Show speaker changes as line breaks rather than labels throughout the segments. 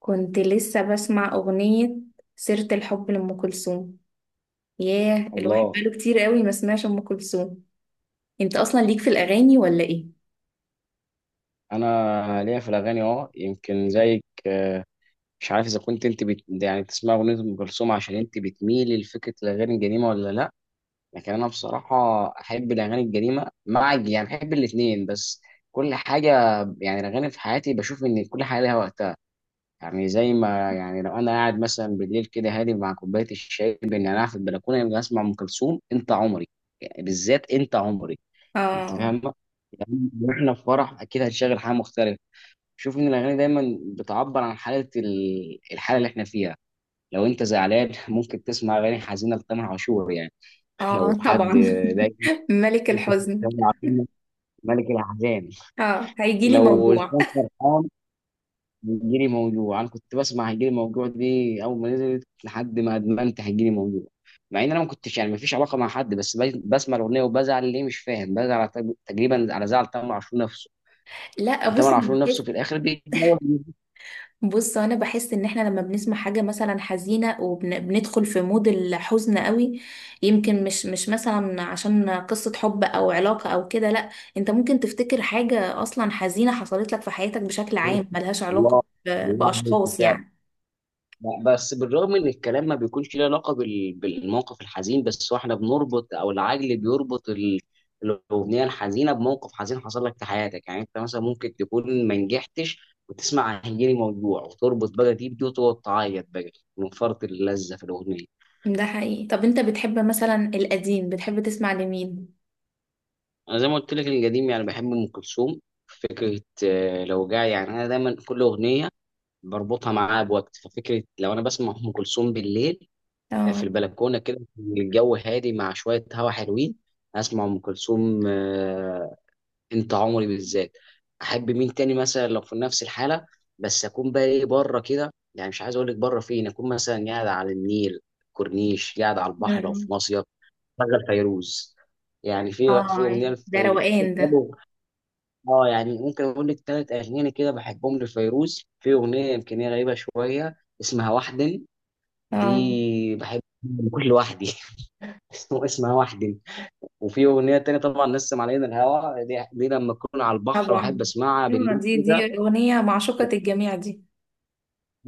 كنت لسه بسمع أغنية سيرة الحب لأم كلثوم. ياه الواحد
الله.
بقاله كتير قوي ما سمعش أم كلثوم. انت أصلا ليك في الأغاني ولا إيه؟
انا ليا في الاغاني يمكن زيك. مش عارف اذا كنت انت بت... يعني بتسمع اغنيه ام كلثوم عشان انت بتميلي لفكره الاغاني القديمه ولا لا. لكن انا بصراحه احب الاغاني القديمه، مع يعني احب الاثنين، بس كل حاجه. يعني الاغاني في حياتي بشوف ان كل حاجه ليها وقتها. يعني زي ما يعني لو انا قاعد مثلا بالليل كده هادي مع كوبايه الشاي، بان انا قاعد في البلكونه، يبقى اسمع ام كلثوم انت عمري. يعني بالذات انت عمري، انت
آه
فاهمه يعني. احنا في فرح اكيد هنشغل حاجه مختلفه. شوف ان الاغاني دايما بتعبر عن حاله الحاله اللي احنا فيها. لو انت زعلان ممكن تسمع اغاني حزينه لتامر عاشور يعني.
آه
لو حد
طبعا.
دايما
ملك الحزن.
تامر عاشور ملك الاحزان.
آه هيجيلي
لو
موجوع.
انسان فرحان هيجيلي موجوع. انا كنت بسمع هيجيلي موجوع دي اول ما نزلت لحد ما ادمنت هيجيلي موجوع، مع ان انا ما كنتش يعني ما فيش علاقه مع حد، بس بسمع الاغنيه وبزعل، ليه مش فاهم بزعل، على تقريبا على زعل تامر عشور نفسه،
لا بص.
وتامر عاشور نفسه في الاخر بيتجوز.
بص انا بحس ان احنا لما بنسمع حاجه مثلا حزينه وبندخل في مود الحزن قوي، يمكن مش مثلا عشان قصه حب او علاقه او كده، لا. انت ممكن تفتكر حاجه اصلا حزينه حصلت لك في حياتك بشكل عام ملهاش
الله،
علاقه
الله
باشخاص
عليك.
يعني.
لا، بس بالرغم ان الكلام ما بيكونش له علاقه بالموقف الحزين، بس هو احنا بنربط او العجل بيربط الاغنيه الحزينه بموقف حزين حصل لك في حياتك. يعني انت مثلا ممكن تكون ما نجحتش وتسمع هيجيلي موجوع وتربط بقى دي بدي وتقعد تعيط بقى من فرط اللذه في الاغنيه.
ده حقيقي. طب انت بتحب مثلا القديم، بتحب تسمع لمين؟
انا زي ما قلت لك القديم يعني بحب ام كلثوم فكره. لو جاي يعني انا دايما كل اغنيه بربطها معاها بوقت، ففكره لو انا بسمع ام كلثوم بالليل في
اه.
البلكونه كده، الجو هادي مع شويه هوا حلوين، اسمع ام كلثوم. انت عمري بالذات. احب مين تاني مثلا لو في نفس الحاله، بس اكون بقى ايه بره كده، يعني مش عايز اقول لك بره فين، اكون مثلا قاعد على النيل، كورنيش، قاعد على البحر، لو في
مم.
مصيف شغل فيروز. يعني في
اه
اغنيه
ده روقان ده.
لفيروز. اه يعني ممكن اقول لك 3 اغاني كده بحبهم لفيروز. في اغنيه يمكن هي غريبه شويه اسمها وحدن،
اه
دي بحب كل لوحدي اسمه اسمها وحدي. وفي اغنيه تانية طبعا نسم علينا الهوى، دي لما اكون على البحر واحب
طبعا.
اسمعها
آه،
بالليل
دي
كده.
دي اغنيه معشوقه الجميع دي.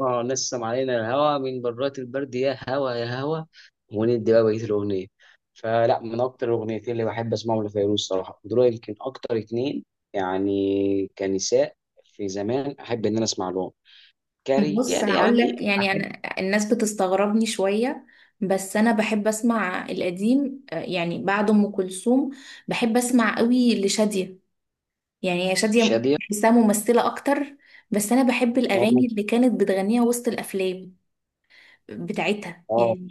اه، نسم علينا الهوى من برات البرد يا هوى يا هوى، وندي بقى بقيه الاغنيه. فلا، من اكتر الاغنيتين اللي بحب اسمعهم لفيروز صراحه دول، يمكن اكتر اتنين يعني كنساء في زمان احب ان انا اسمع لهم
بص
كرجال
هقول
يعني
لك، يعني
احب.
انا الناس بتستغربني شويه، بس انا بحب اسمع القديم آه، يعني بعد ام كلثوم بحب اسمع قوي لشاديه. يعني هي شاديه
شاديه،
بحسها ممثله اكتر، بس انا بحب
اه.
الاغاني اللي كانت بتغنيها وسط الافلام بتاعتها
آه.
يعني.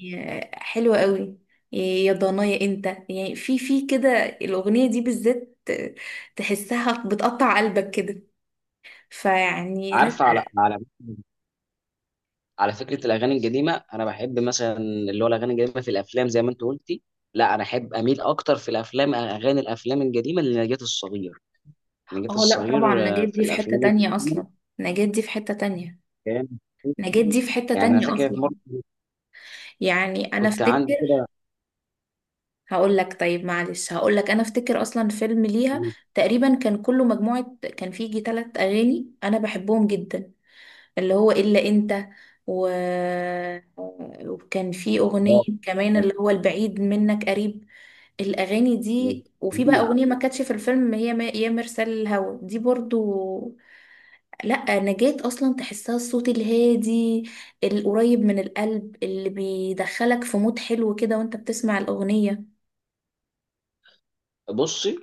آه، حلوه قوي. إيه، يا ضنايا انت، يعني في في كده الاغنيه دي بالذات آه، تحسها بتقطع قلبك كده. فيعني لا.
عارفه على على فكره الاغاني القديمه انا بحب مثلا اللي هو الاغاني القديمه في الافلام زي ما انت قلتي. لا انا احب اميل اكتر في الافلام، اغاني الافلام القديمه لنجاة الصغير. نجاة
اه لا طبعا،
الصغير
نجاة
آه، في
دي في حتة
الافلام
تانية
القديمه
اصلا. نجاة دي في حتة تانية.
كان
نجاة دي في حتة
يعني انا
تانية
فاكر في
اصلا.
مره
يعني انا
كنت عندي
افتكر،
كده
هقول لك. طيب معلش هقول لك، انا افتكر اصلا فيلم ليها تقريبا كان كله مجموعة، كان فيه يجي تلات اغاني انا بحبهم جدا، اللي هو الا انت و... وكان فيه اغنية كمان اللي هو البعيد منك قريب. الاغاني دي وفي بقى اغنية ما كانتش في الفيلم هي ما... يا مرسال الهوى دي برضو. لا نجاة اصلا تحسها الصوت الهادي القريب من القلب اللي بيدخلك في مود حلو كده وانت بتسمع الاغنية.
بصي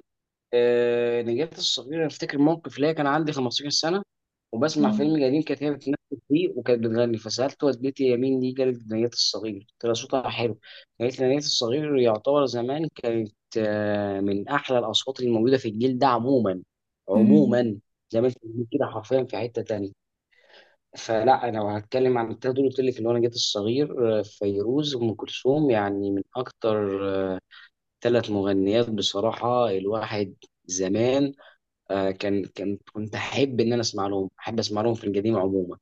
آه، نجاة الصغير، أنا افتكر موقف ليا كان عندي 15 سنه وبسمع
مم.
فيلم قديم كانت هي بتمثل فيه وكانت بتغني، فسألت والدتي يا مين دي، قالت دنيا الصغير، قلت لها صوتها حلو. قالت لي دنيا الصغير يعتبر زمان كانت، من أحلى الأصوات اللي موجودة في الجيل ده عموما.
مم.
عموما زي ما انت بتقول كده حرفيا في حتة تانية. فلا أنا لو هتكلم عن التلاتة دول قلت لك اللي هو نجاة الصغير، فيروز وأم كلثوم، يعني من أكتر 3 مغنيات بصراحة الواحد زمان، كان كنت أحب إن أنا أسمع لهم، أحب أسمع لهم في القديم عموما.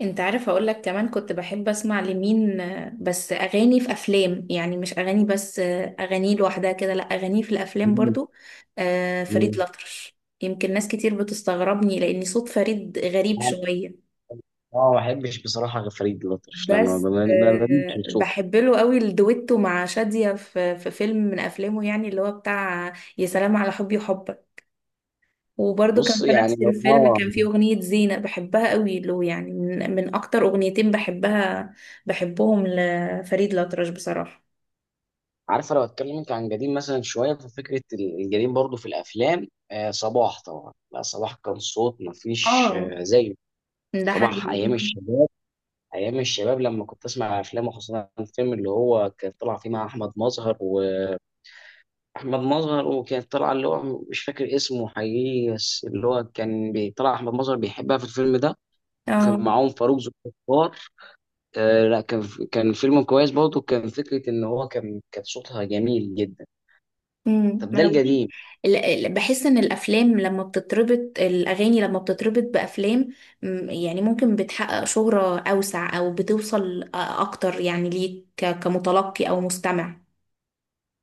انت عارف اقول لك كمان كنت بحب اسمع لمين؟ آه، بس اغاني في افلام، يعني مش اغاني بس آه، اغاني لوحدها كده لا، اغاني في الافلام
مم.
برضو. آه، فريد
مم.
الأطرش. يمكن ناس كتير بتستغربني لان صوت فريد غريب
اه
شوية،
ما بحبش بصراحه غير فريد الأطرش لما
بس
ما بموتش
آه،
بصوت.
بحب له قوي الدويتو مع شادية في في فيلم من افلامه، يعني اللي هو بتاع يا سلام على حبي وحبك. وبرده كان
بص
في
يعني
نفس
لو
الفيلم
اه
كان فيه أغنية زينة بحبها قوي له، يعني من أكتر أغنيتين بحبها بحبهم لفريد الأطرش بصراحة.
عارفه، لو اتكلمت عن قديم مثلا شويه ففكره القديم برضو في الافلام، آه صباح طبعا، لا صباح كان صوت ما فيش
اه
آه زيه.
ده
صباح
حقيقي.
ايام الشباب، ايام الشباب لما كنت اسمع افلامه، خصوصا الفيلم اللي هو كان طلع فيه مع احمد مظهر، واحمد مظهر وكانت طالعه اللي هو مش فاكر اسمه حقيقي، بس اللي هو كان طلع احمد مظهر بيحبها في الفيلم ده وكان
اه.
معاهم فاروق ذوالفقار. آه لا كان كان فيلم كويس برضه، كان فكره ان هو كان صوتها جميل جدا. طب
ما
ده
أنا بقول-
القديم.
بحس ان الافلام لما بتتربط الاغاني لما بتتربط بافلام مم، يعني ممكن بتحقق شهرة اوسع او بتوصل اكتر يعني ليك كمتلقي او مستمع.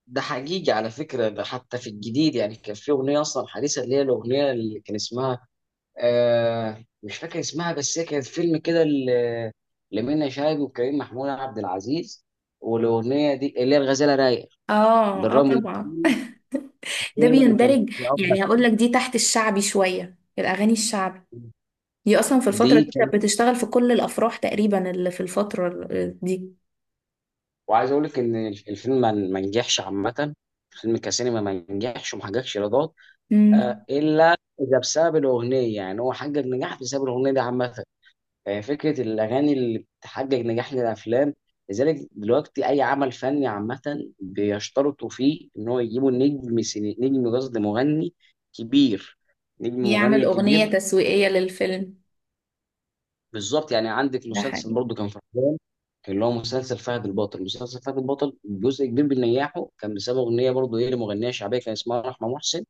ده حقيقي، على فكره ده حتى في الجديد، يعني كان في اغنيه اصلا حديثه اللي هي الاغنيه اللي كان اسمها آه مش فاكر اسمها، بس هي كانت فيلم كده لمنى شلبي وكريم محمود عبد العزيز، والاغنيه دي اللي هي الغزاله رايق،
اه اه
بالرغم ان
طبعا. ده
الفيلم ما كانش
بيندرج
فيه افضل
يعني هقول لك دي تحت الشعبي شوية، الاغاني الشعبي دي اصلا في
دي.
الفترة دي كانت بتشتغل في كل الافراح تقريبا اللي في الفترة دي.
وعايز اقول لك ان الفيلم ما نجحش عامه، الفيلم كسينما ما نجحش وما حققش ايرادات
امم.
آه، الا اذا بسبب الاغنيه، يعني هو حقق نجاح بسبب الاغنيه دي عامه، يعني فكره الاغاني اللي بتحقق نجاح للافلام. لذلك دلوقتي اي عمل فني عامه بيشترطوا فيه ان هو يجيبوا نجم سيني... نجم قصد مغني كبير، نجم
يعمل
مغني
اغنية
كبير.
تسويقية للفيلم.
بالظبط، يعني عندك
ده
مسلسل
حقيقي.
برضه كان في رمضان اللي هو مسلسل فهد البطل. مسلسل فهد البطل جزء كبير بنجاحه كان بسبب اغنيه برضه ايه لمغنيه شعبيه كان اسمها رحمه محسن.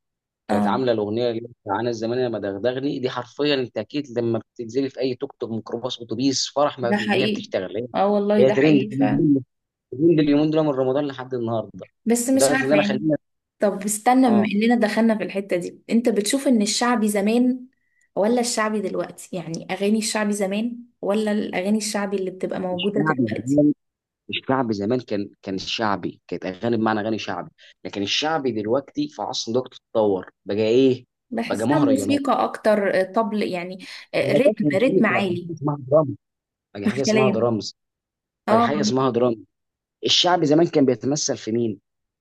كانت
اه
عامله الاغنيه اللي بتاع انا الزمان لما دغدغني دي، حرفيا انت اكيد لما بتنزلي في اي توك توك ميكروباص اتوبيس فرح
ده
ما هي
حقيقي.
بتشتغل هي.
اه والله
هي
ده
ترند،
حقيقي فعلا.
ترند اليومين دول من رمضان لحد النهارده.
بس مش
لدرجه ان
عارفة
انا
يعني.
خلينا.
طب استنى، بما
اه
اننا دخلنا في الحتة دي، انت بتشوف ان الشعبي زمان ولا الشعبي دلوقتي؟ يعني اغاني الشعبي زمان ولا الاغاني الشعبي اللي بتبقى موجودة
الشعبي،
دلوقتي؟
الشعبي زمان كان شعبي، كانت اغاني بمعنى اغاني شعبي. لكن الشعبي دلوقتي في عصر دلوقتي اتطور بقى ايه، بقى
بحسها
مهرجانات،
موسيقى اكتر آه، طبل يعني.
ما
آه،
بقاش
رتم
موسيقى، بقى
عالي.
حاجه اسمها درامز بقى حاجه
مش
اسمها
كلام.
درامز بقى
اه.
حاجه اسمها درامز. الشعبي زمان كان بيتمثل في مين،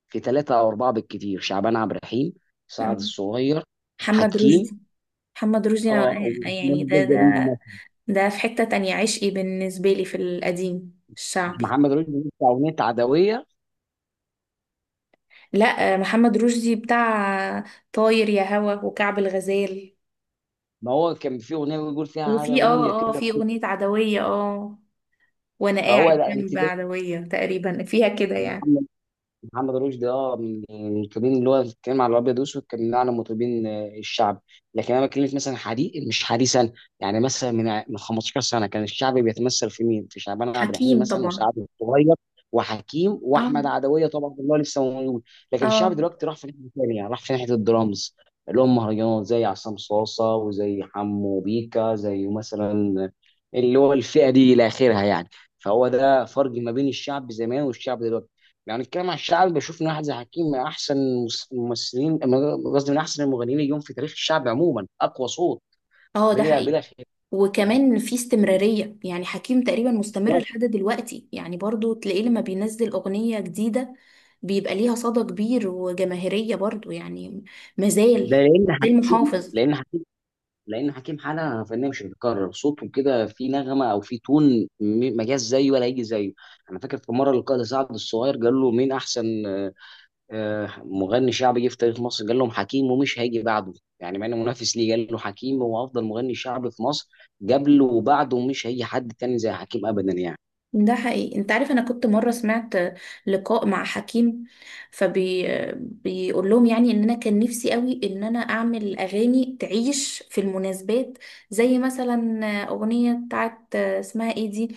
في 3 او 4 بالكتير، شعبان عبد الرحيم،
آه.
سعد الصغير،
محمد
حكيم،
رشدي. محمد رشدي
اه
أنا-
ومحمد
يعني
ده
ده
الجليل
ده
مثلا.
ده في حتة تانية، عشقي بالنسبة لي في القديم الشعبي.
محمد رشدي بيقول في اغنيه عدويه،
لا محمد رشدي بتاع طاير يا هوا وكعب الغزال.
ما هو كان في اغنيه بيقول فيها
وفي
عدويه
اه اه
كده.
في اغنية عدوية اه، وانا
فهو
قاعد
لا انت،
جنب عدوية تقريبا فيها كده يعني.
محمد رشدي اه من المطربين اللي هو بيتكلم على الابيض واسود، كان من اعلى مطربين، الشعب. لكن انا بكلمك مثلا حديث مش حديثا، يعني مثلا من 15 سنه كان الشعب بيتمثل في مين؟ في شعبان عبد الرحيم
حكيم
مثلا،
طبعا.
وسعد الصغير، وحكيم،
اه
واحمد عدويه طبعا اللي هو لسه موجود. لكن الشعب
اه
دلوقتي راح في ناحيه ثانيه، يعني راح في ناحيه الدرامز اللي هم مهرجانات، زي عصام صاصه وزي حمو بيكا زي مثلا اللي هو الفئه دي الى اخرها يعني. فهو ده فرق ما بين الشعب زمان والشعب دلوقتي. لو هنتكلم عن الشعب بشوف ان احمد زكي حكيم من احسن الممثلين، قصدي من احسن المغنيين اليوم في تاريخ الشعب عموما، اقوى صوت
اه ده
بلا
حقيقي.
خلاف.
وكمان في استمرارية، يعني حكيم تقريبا مستمر لحد دلوقتي، يعني برضو تلاقيه لما بينزل أغنية جديدة بيبقى ليها صدى كبير وجماهيرية برضو يعني.
ده
مازال.
لان
مازال
حكيم،
محافظ.
لان حكيم حاله فنيه مش هتتكرر، صوته كده في نغمه او في تون ما جاش زيه ولا يجي زيه. انا فاكر في مره القائد سعد الصغير قال له مين احسن مغني شعبي جه في تاريخ مصر، قال لهم حكيم ومش هيجي بعده، يعني مع انه منافس ليه قال له حكيم هو افضل مغني شعبي في مصر قبله وبعده، ومش هيجي حد تاني زي حكيم ابدا يعني.
ده حقيقي. انت عارف انا كنت مرة سمعت لقاء مع حكيم، فبي بيقول لهم يعني ان انا كان نفسي قوي ان انا اعمل اغاني تعيش في المناسبات، زي مثلا اغنية بتاعت اسمها ايه دي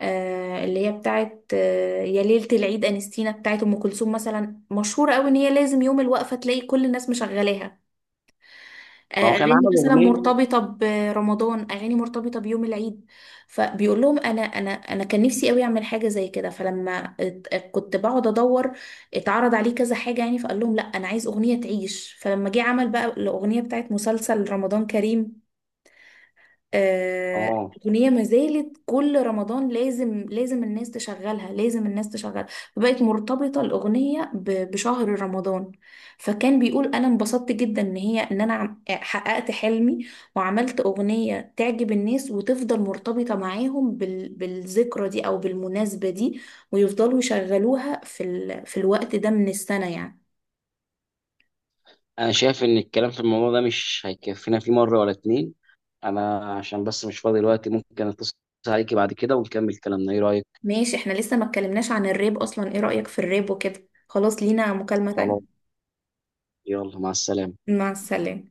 آه، اللي هي بتاعت آه يا ليلة العيد انستينا بتاعت ام كلثوم، مثلا مشهورة قوي ان هي لازم يوم الوقفة تلاقي كل الناس مشغلاها. آه،
فهو كان
اغاني
عمل
مثلا
اغنيه.
مرتبطه برمضان، اغاني مرتبطه بيوم العيد. فبيقول لهم انا انا كان نفسي قوي اعمل حاجه زي كده، فلما كنت بقعد ادور اتعرض عليه كذا حاجه يعني، فقال لهم لا انا عايز اغنيه تعيش. فلما جه عمل بقى الاغنيه بتاعت مسلسل رمضان كريم آه،
اه
أغنية ما زالت كل رمضان لازم لازم الناس تشغلها، لازم الناس تشغلها. فبقت مرتبطة الأغنية بشهر رمضان. فكان بيقول أنا انبسطت جدا إن هي إن حققت حلمي وعملت أغنية تعجب الناس وتفضل مرتبطة معاهم بالذكرى دي أو بالمناسبة دي، ويفضلوا يشغلوها في الوقت ده من السنة يعني.
انا شايف ان الكلام في الموضوع ده مش هيكفينا فيه مره ولا اتنين، انا عشان بس مش فاضي دلوقتي ممكن اتصل عليكي بعد كده ونكمل كلامنا، ايه رايك؟
ماشي، احنا لسه ما اتكلمناش عن الراب أصلا، إيه رأيك في الراب وكده؟ خلاص لينا مكالمة تانية.
خلاص، يلا مع السلامه.
مع السلامة.